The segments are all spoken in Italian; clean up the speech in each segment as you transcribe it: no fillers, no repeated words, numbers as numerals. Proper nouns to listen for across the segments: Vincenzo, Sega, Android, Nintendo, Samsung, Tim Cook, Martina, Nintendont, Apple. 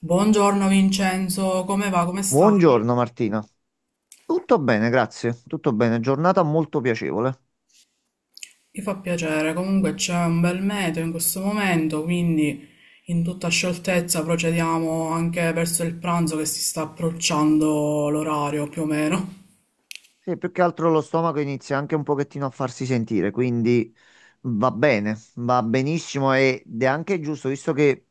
Buongiorno Vincenzo, come va? Come stai? Buongiorno Martina. Tutto bene, grazie. Tutto bene. Giornata molto piacevole. Mi fa piacere, comunque c'è un bel meteo in questo momento, quindi in tutta scioltezza procediamo anche verso il pranzo che si sta approcciando l'orario più o meno. Sì, più che altro lo stomaco inizia anche un pochettino a farsi sentire, quindi va bene, va benissimo ed è anche giusto, visto che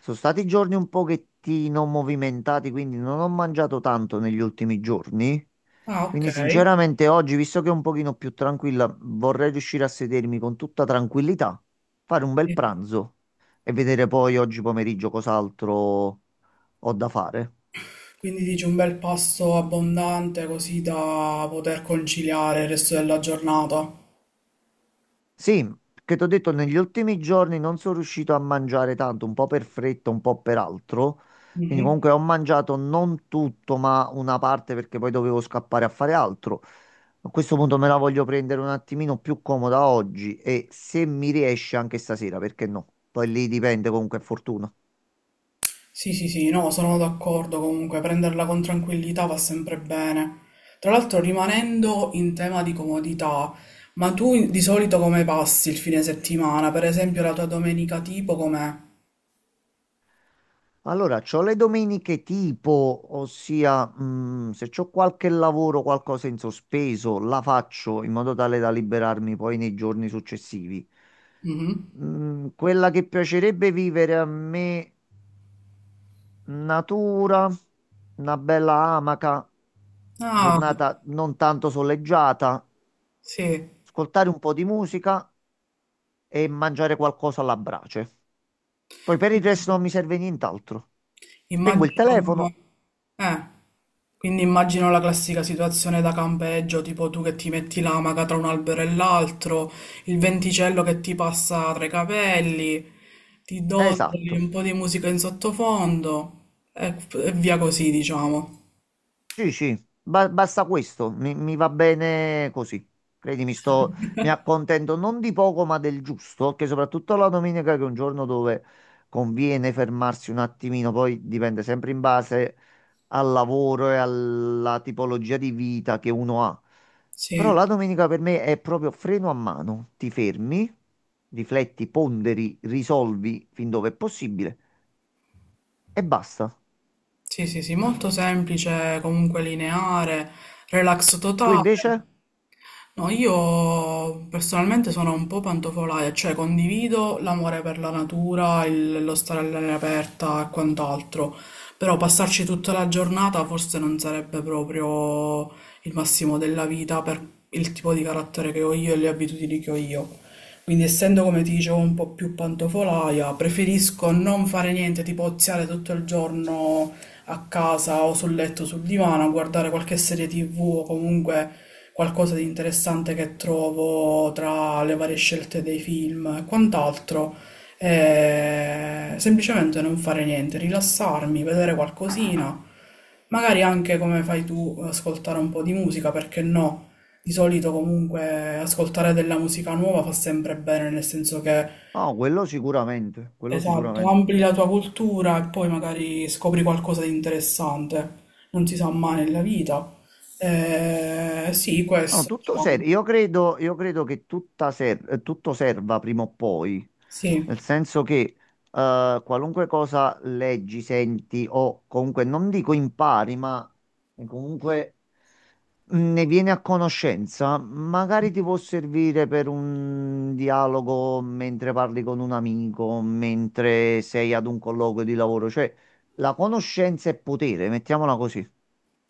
sono stati giorni un pochettino movimentati, quindi non ho mangiato tanto negli ultimi giorni. Ah, ok. Quindi sinceramente oggi, visto che è un pochino più tranquilla, vorrei riuscire a sedermi con tutta tranquillità, fare un bel Sì. pranzo e vedere poi oggi pomeriggio cos'altro ho da fare. Quindi dici un bel pasto abbondante così da poter conciliare il resto della giornata. Sì, che ti ho detto, negli ultimi giorni non sono riuscito a mangiare tanto, un po' per fretta, un po' per altro. Quindi Mhm. comunque ho mangiato non tutto, ma una parte perché poi dovevo scappare a fare altro. A questo punto me la voglio prendere un attimino più comoda oggi e se mi riesce anche stasera, perché no? Poi lì dipende comunque, è fortuna. Sì, sì, sì, no, sono d'accordo comunque, prenderla con tranquillità va sempre bene. Tra l'altro, rimanendo in tema di comodità, ma tu di solito come passi il fine settimana? Per esempio, la tua domenica tipo com'è? Allora, c'ho le domeniche tipo, ossia, se c'ho qualche lavoro, qualcosa in sospeso, la faccio in modo tale da liberarmi poi nei giorni successivi. Mhm. Quella che piacerebbe vivere a me, natura, una bella amaca, Ah, giornata non tanto soleggiata, sì. ascoltare un po' di musica e mangiare qualcosa alla brace. Poi per il resto non mi serve nient'altro. Spengo il Immagino, telefono, eh, quindi immagino la classica situazione da campeggio, tipo tu che ti metti l'amaca tra un albero e l'altro, il venticello che ti passa tra i capelli, ti dondoli esatto. un po' di musica in sottofondo e, via così, diciamo. Sì, sì, basta questo, mi va bene così. Credimi, mi accontento non di poco, ma del giusto, che soprattutto la domenica, che è un giorno dove conviene fermarsi un attimino, poi dipende sempre in base al lavoro e alla tipologia di vita che uno ha. Sì, Però la domenica per me è proprio freno a mano, ti fermi, rifletti, ponderi, risolvi fin dove è possibile e basta. sì, sì, sì, molto semplice, comunque lineare, relax Tu totale. invece? No, io personalmente sono un po' pantofolaia, cioè condivido l'amore per la natura, lo stare all'aria aperta e quant'altro, però passarci tutta la giornata forse non sarebbe proprio il massimo della vita per il tipo di carattere che ho io e le abitudini che ho io. Quindi essendo, come ti dicevo, un po' più pantofolaia, preferisco non fare niente, tipo oziare tutto il giorno a casa o sul letto, sul divano, a guardare qualche serie TV o comunque qualcosa di interessante che trovo tra le varie scelte dei film e quant'altro. E semplicemente non fare niente, rilassarmi, vedere qualcosina, magari anche come fai tu, ascoltare un po' di musica, perché no? Di solito comunque ascoltare della musica nuova fa sempre bene, nel senso che No, quello sicuramente, quello esatto, sicuramente. ampli la tua cultura e poi magari scopri qualcosa di interessante, non si sa mai nella vita. Sì, No, questo, tutto diciamo. serve. Io credo che tutto serva prima o poi, Sì. nel senso che qualunque cosa leggi, senti o comunque non dico impari, ma comunque ne vieni a conoscenza, magari ti può servire per un dialogo mentre parli con un amico, mentre sei ad un colloquio di lavoro, cioè la conoscenza è potere, mettiamola così.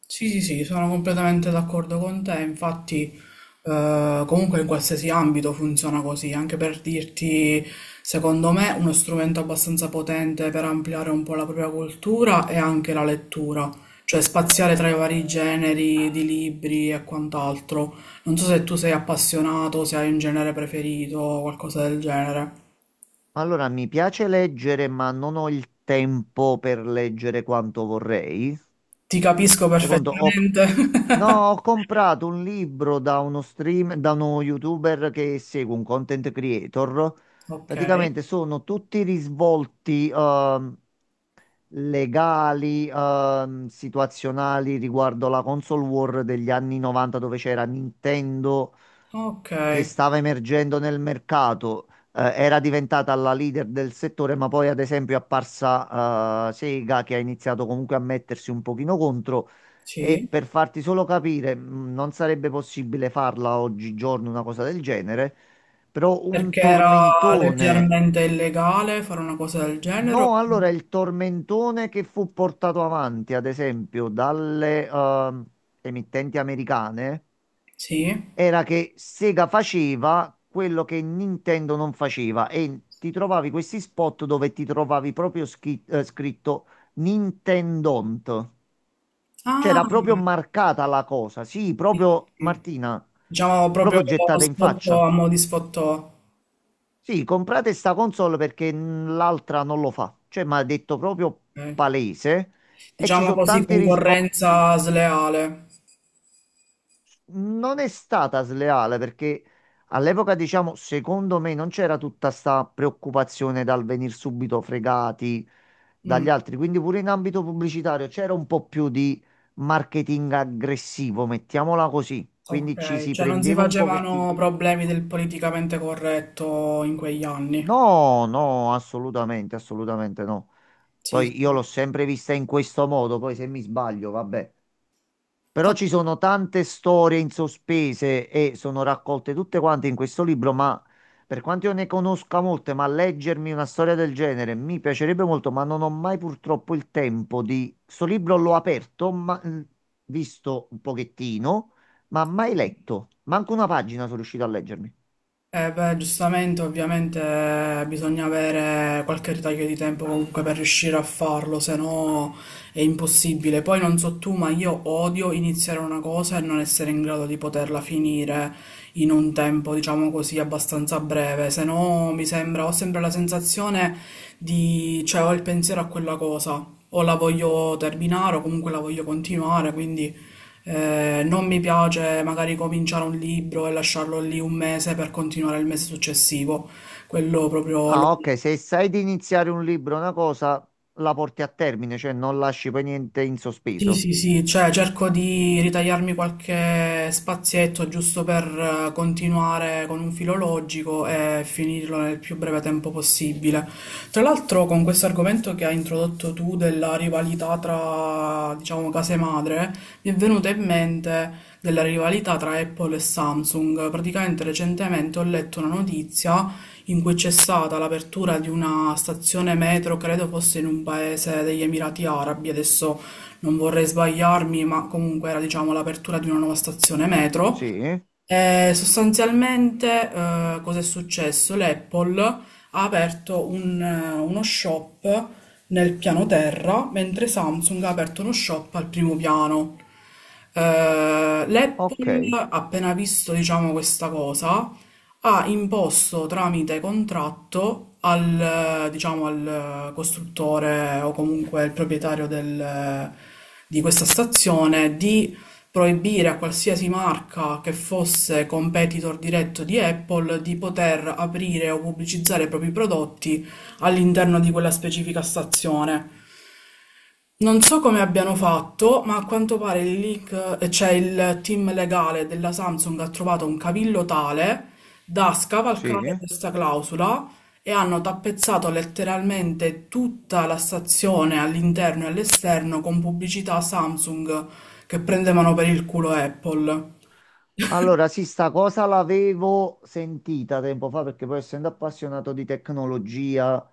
Sì, sì, sì, sono completamente d'accordo con te, infatti comunque in qualsiasi ambito funziona così, anche per dirti, secondo me, uno strumento abbastanza potente per ampliare un po' la propria cultura è anche la lettura, cioè spaziare tra i vari generi di libri e quant'altro. Non so se tu sei appassionato, se hai un genere preferito o qualcosa del genere. Allora, mi piace leggere, ma non ho il tempo per leggere quanto vorrei. Ti capisco Secondo, ho... perfettamente. No, ho comprato un libro da uno stream, da uno YouTuber che segue un content creator. Ok, Praticamente sono tutti risvolti legali, situazionali riguardo la console war degli anni 90 dove c'era Nintendo ok, che stava emergendo nel mercato, era diventata la leader del settore, ma poi ad esempio è apparsa Sega che ha iniziato comunque a mettersi un pochino contro. E sì. per farti solo capire, non sarebbe possibile farla oggigiorno una cosa del genere, però un Perché era tormentone. leggermente illegale fare una cosa del genere? No, allora il tormentone che fu portato avanti, ad esempio, dalle emittenti americane Sì. era che Sega faceva quello che Nintendo non faceva e ti trovavi questi spot dove ti trovavi proprio scritto Nintendont. Ah, C'era proprio marcata la cosa, sì, sì, proprio sì. Martina, Diciamo proprio proprio gettata in sfottò, faccia. a mo' di sfottò. Sì, comprate sta console perché l'altra non lo fa. Cioè, mi ha detto proprio Ok. palese e ci Diciamo sono così, tanti risvolti. concorrenza sleale. Non è stata sleale perché all'epoca, diciamo, secondo me non c'era tutta sta preoccupazione dal venire subito fregati Mm, dagli altri, quindi pure in ambito pubblicitario c'era un po' più di marketing aggressivo, mettiamola così, quindi ci ok, si cioè non si prendeva un pochettino facevano in giro. problemi del politicamente corretto in quegli anni. No, no, assolutamente, assolutamente no. Sì, Poi io sì. l'ho sempre vista in questo modo, poi se mi sbaglio, vabbè. Però ci Ok. sono tante storie in sospese e sono raccolte tutte quante in questo libro, ma per quanto io ne conosca molte, ma leggermi una storia del genere mi piacerebbe molto, ma non ho mai purtroppo il tempo di... Sto libro l'ho aperto, ma... visto un pochettino, ma mai letto. Manco una pagina sono riuscito a leggermi. Beh, giustamente, ovviamente bisogna avere qualche ritaglio di tempo comunque per riuscire a farlo, se no è impossibile. Poi non so tu, ma io odio iniziare una cosa e non essere in grado di poterla finire in un tempo, diciamo così, abbastanza breve, se no mi sembra, ho sempre la sensazione di, cioè ho il pensiero a quella cosa, o la voglio terminare o comunque la voglio continuare, quindi non mi piace magari cominciare un libro e lasciarlo lì un mese per continuare il mese successivo, quello proprio lo Ah, ok, se sai di iniziare un libro, una cosa, la porti a termine, cioè non lasci poi niente in sì, sospeso. sì, sì, cioè cerco di ritagliarmi qualche spazietto giusto per continuare con un filo logico e finirlo nel più breve tempo possibile. Tra l'altro, con questo argomento che hai introdotto tu della rivalità tra, diciamo, case madre, mi è venuta in mente della rivalità tra Apple e Samsung. Praticamente recentemente ho letto una notizia in cui c'è stata l'apertura di una stazione metro, credo fosse in un paese degli Emirati Arabi, adesso non vorrei sbagliarmi, ma comunque era diciamo l'apertura di una nuova stazione metro Sì, sostanzialmente, cosa è successo? L'Apple ha aperto uno shop nel piano terra, mentre Samsung ha aperto uno shop al primo piano. Eh, ok, L'Apple, appena visto, diciamo, questa cosa, ha imposto tramite contratto diciamo, al costruttore o comunque al proprietario di questa stazione di proibire a qualsiasi marca che fosse competitor diretto di Apple di poter aprire o pubblicizzare i propri prodotti all'interno di quella specifica stazione. Non so come abbiano fatto, ma a quanto pare il leak, cioè il team legale della Samsung ha trovato un cavillo tale da scavalcare sì. questa clausola e hanno tappezzato letteralmente tutta la stazione all'interno e all'esterno con pubblicità Samsung che prendevano per il culo Apple. Allora, sì, sta cosa l'avevo sentita tempo fa perché poi essendo appassionato di tecnologia,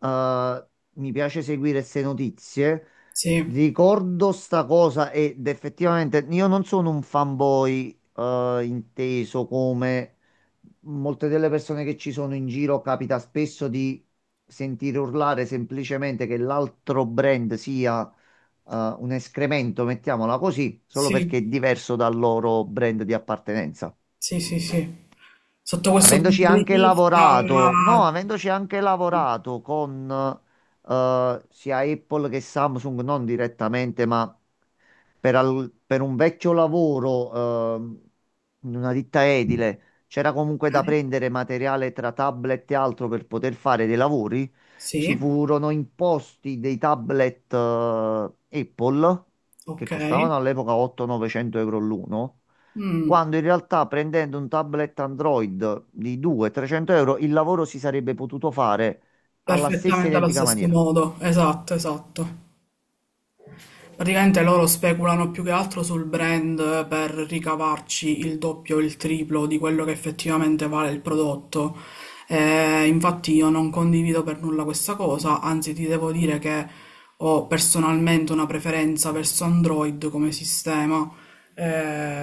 eh, mi piace seguire queste notizie. Sì, Ricordo sta cosa ed effettivamente io non sono un fanboy, inteso come molte delle persone che ci sono in giro capita spesso di sentire urlare semplicemente che l'altro brand sia un escremento, mettiamola così, solo sì, perché è diverso dal loro brand di appartenenza sì, sì, sì. Sotto questo avendoci punto di anche vista... lavorato, no, Ok, avendoci anche lavorato con sia Apple che Samsung, non direttamente, ma per un vecchio lavoro in una ditta edile, c'era comunque da prendere materiale tra tablet e altro per poter fare dei lavori. Ci sì, furono imposti dei tablet Apple che ok. costavano all'epoca 8-900 euro l'uno Mm. quando in realtà prendendo un tablet Android di 200-300 euro il lavoro si sarebbe potuto fare alla stessa Perfettamente allo identica stesso maniera. modo, esatto, esatto. Praticamente loro speculano più che altro sul brand per ricavarci il doppio o il triplo di quello che effettivamente vale il prodotto. Infatti io non condivido per nulla questa cosa, anzi ti devo dire che ho personalmente una preferenza verso Android come sistema.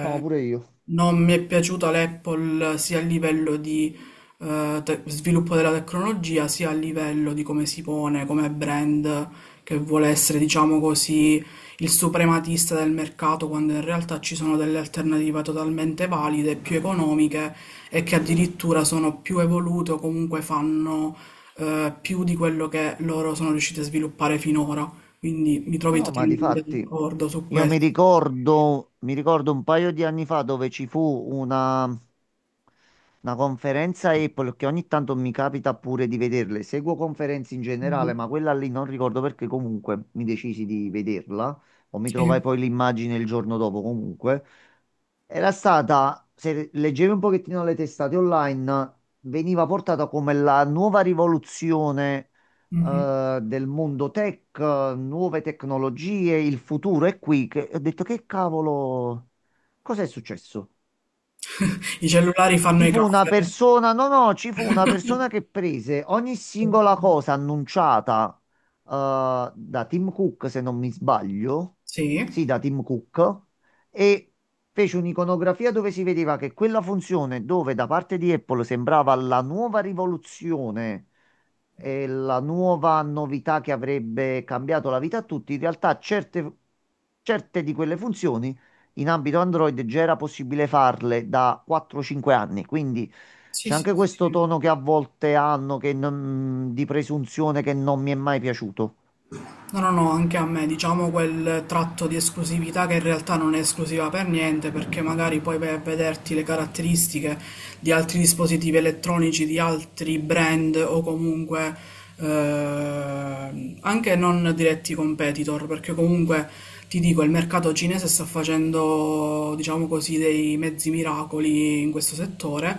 No, pure io. non mi è piaciuta l'Apple sia a livello di sviluppo della tecnologia, sia a livello di come si pone come brand che vuole essere, diciamo così, il suprematista del mercato quando in realtà ci sono delle alternative totalmente valide, più economiche e che addirittura sono più evolute o comunque fanno più di quello che loro sono riusciti a sviluppare finora. Quindi mi trovi No, ma totalmente difatti d'accordo su io mi questo. ricordo, mi ricordo un paio di anni fa dove ci fu una Una conferenza Apple che ogni tanto mi capita pure di vederle. Seguo conferenze in Mhm. generale, ma quella lì non ricordo perché comunque mi decisi di vederla o mi Sì. trovai poi l'immagine il giorno dopo comunque. Era stata, se leggevi un pochettino le testate online, veniva portata come la nuova rivoluzione Mhm. Del mondo tech, nuove tecnologie, il futuro è qui. Che, ho detto che cavolo, cos'è successo? I cellulari fanno Ci i fu una caffè. persona, no, no, ci fu una persona che prese ogni singola cosa annunciata da Tim Cook, se non mi sbaglio, Sì, sì, da Tim Cook, e fece un'iconografia dove si vedeva che quella funzione dove da parte di Apple sembrava la nuova rivoluzione e la nuova novità che avrebbe cambiato la vita a tutti, in realtà certe di quelle funzioni in ambito Android già era possibile farle da 4-5 anni, quindi sì, c'è sì, anche questo sì. tono che a volte hanno che non- di presunzione che non mi è mai piaciuto. No, no, no, anche a me, diciamo quel tratto di esclusività che in realtà non è esclusiva per niente, perché magari poi vai a vederti le caratteristiche di altri dispositivi elettronici, di altri brand o comunque anche non diretti competitor, perché comunque ti dico, il mercato cinese sta facendo, diciamo così, dei mezzi miracoli in questo settore.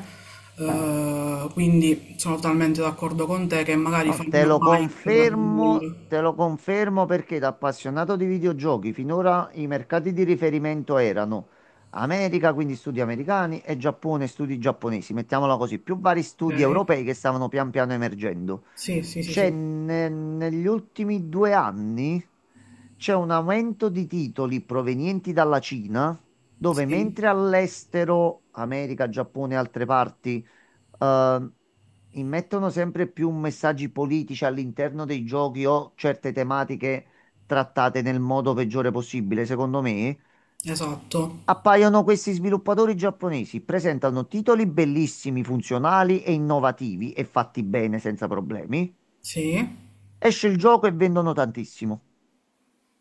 Quindi sono totalmente d'accordo con te che magari No, te fanno lo hype confermo, per... te lo confermo perché da appassionato di videogiochi finora i mercati di riferimento erano America, quindi studi americani, e Giappone, studi giapponesi, mettiamola così, più vari studi Ok. europei che stavano pian piano emergendo. Sì, sì, sì, sì. Negli ultimi 2 anni c'è un aumento di titoli provenienti dalla Cina, dove Sì, mentre all'estero, America, Giappone e altre parti, eh, immettono sempre più messaggi politici all'interno dei giochi o certe tematiche trattate nel modo peggiore possibile, secondo me. s- esatto. Appaiono questi sviluppatori giapponesi, presentano titoli bellissimi, funzionali e innovativi e fatti bene senza problemi. Sì. Esce il gioco e vendono tantissimo.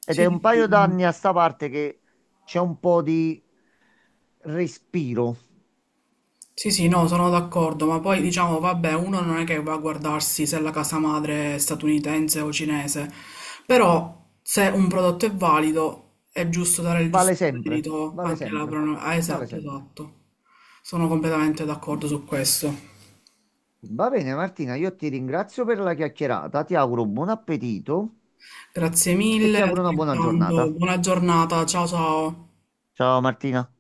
Ed Sì, è un sì, sì. paio Mm. d'anni a sta parte che c'è un po' di respiro. Sì, sì, no, sono d'accordo, ma poi diciamo, vabbè, uno non è che va a guardarsi se la casa madre è statunitense o cinese, però se un prodotto è valido è giusto dare il Vale giusto sempre, merito vale anche alla sempre, Ah, vale esatto, sempre. esatto. Sono completamente d'accordo su questo. Va bene, Martina, io ti ringrazio per la chiacchierata, ti auguro buon appetito Grazie e mille, ti auguro una buona altrettanto, giornata. buona giornata, ciao ciao. Ciao Martina.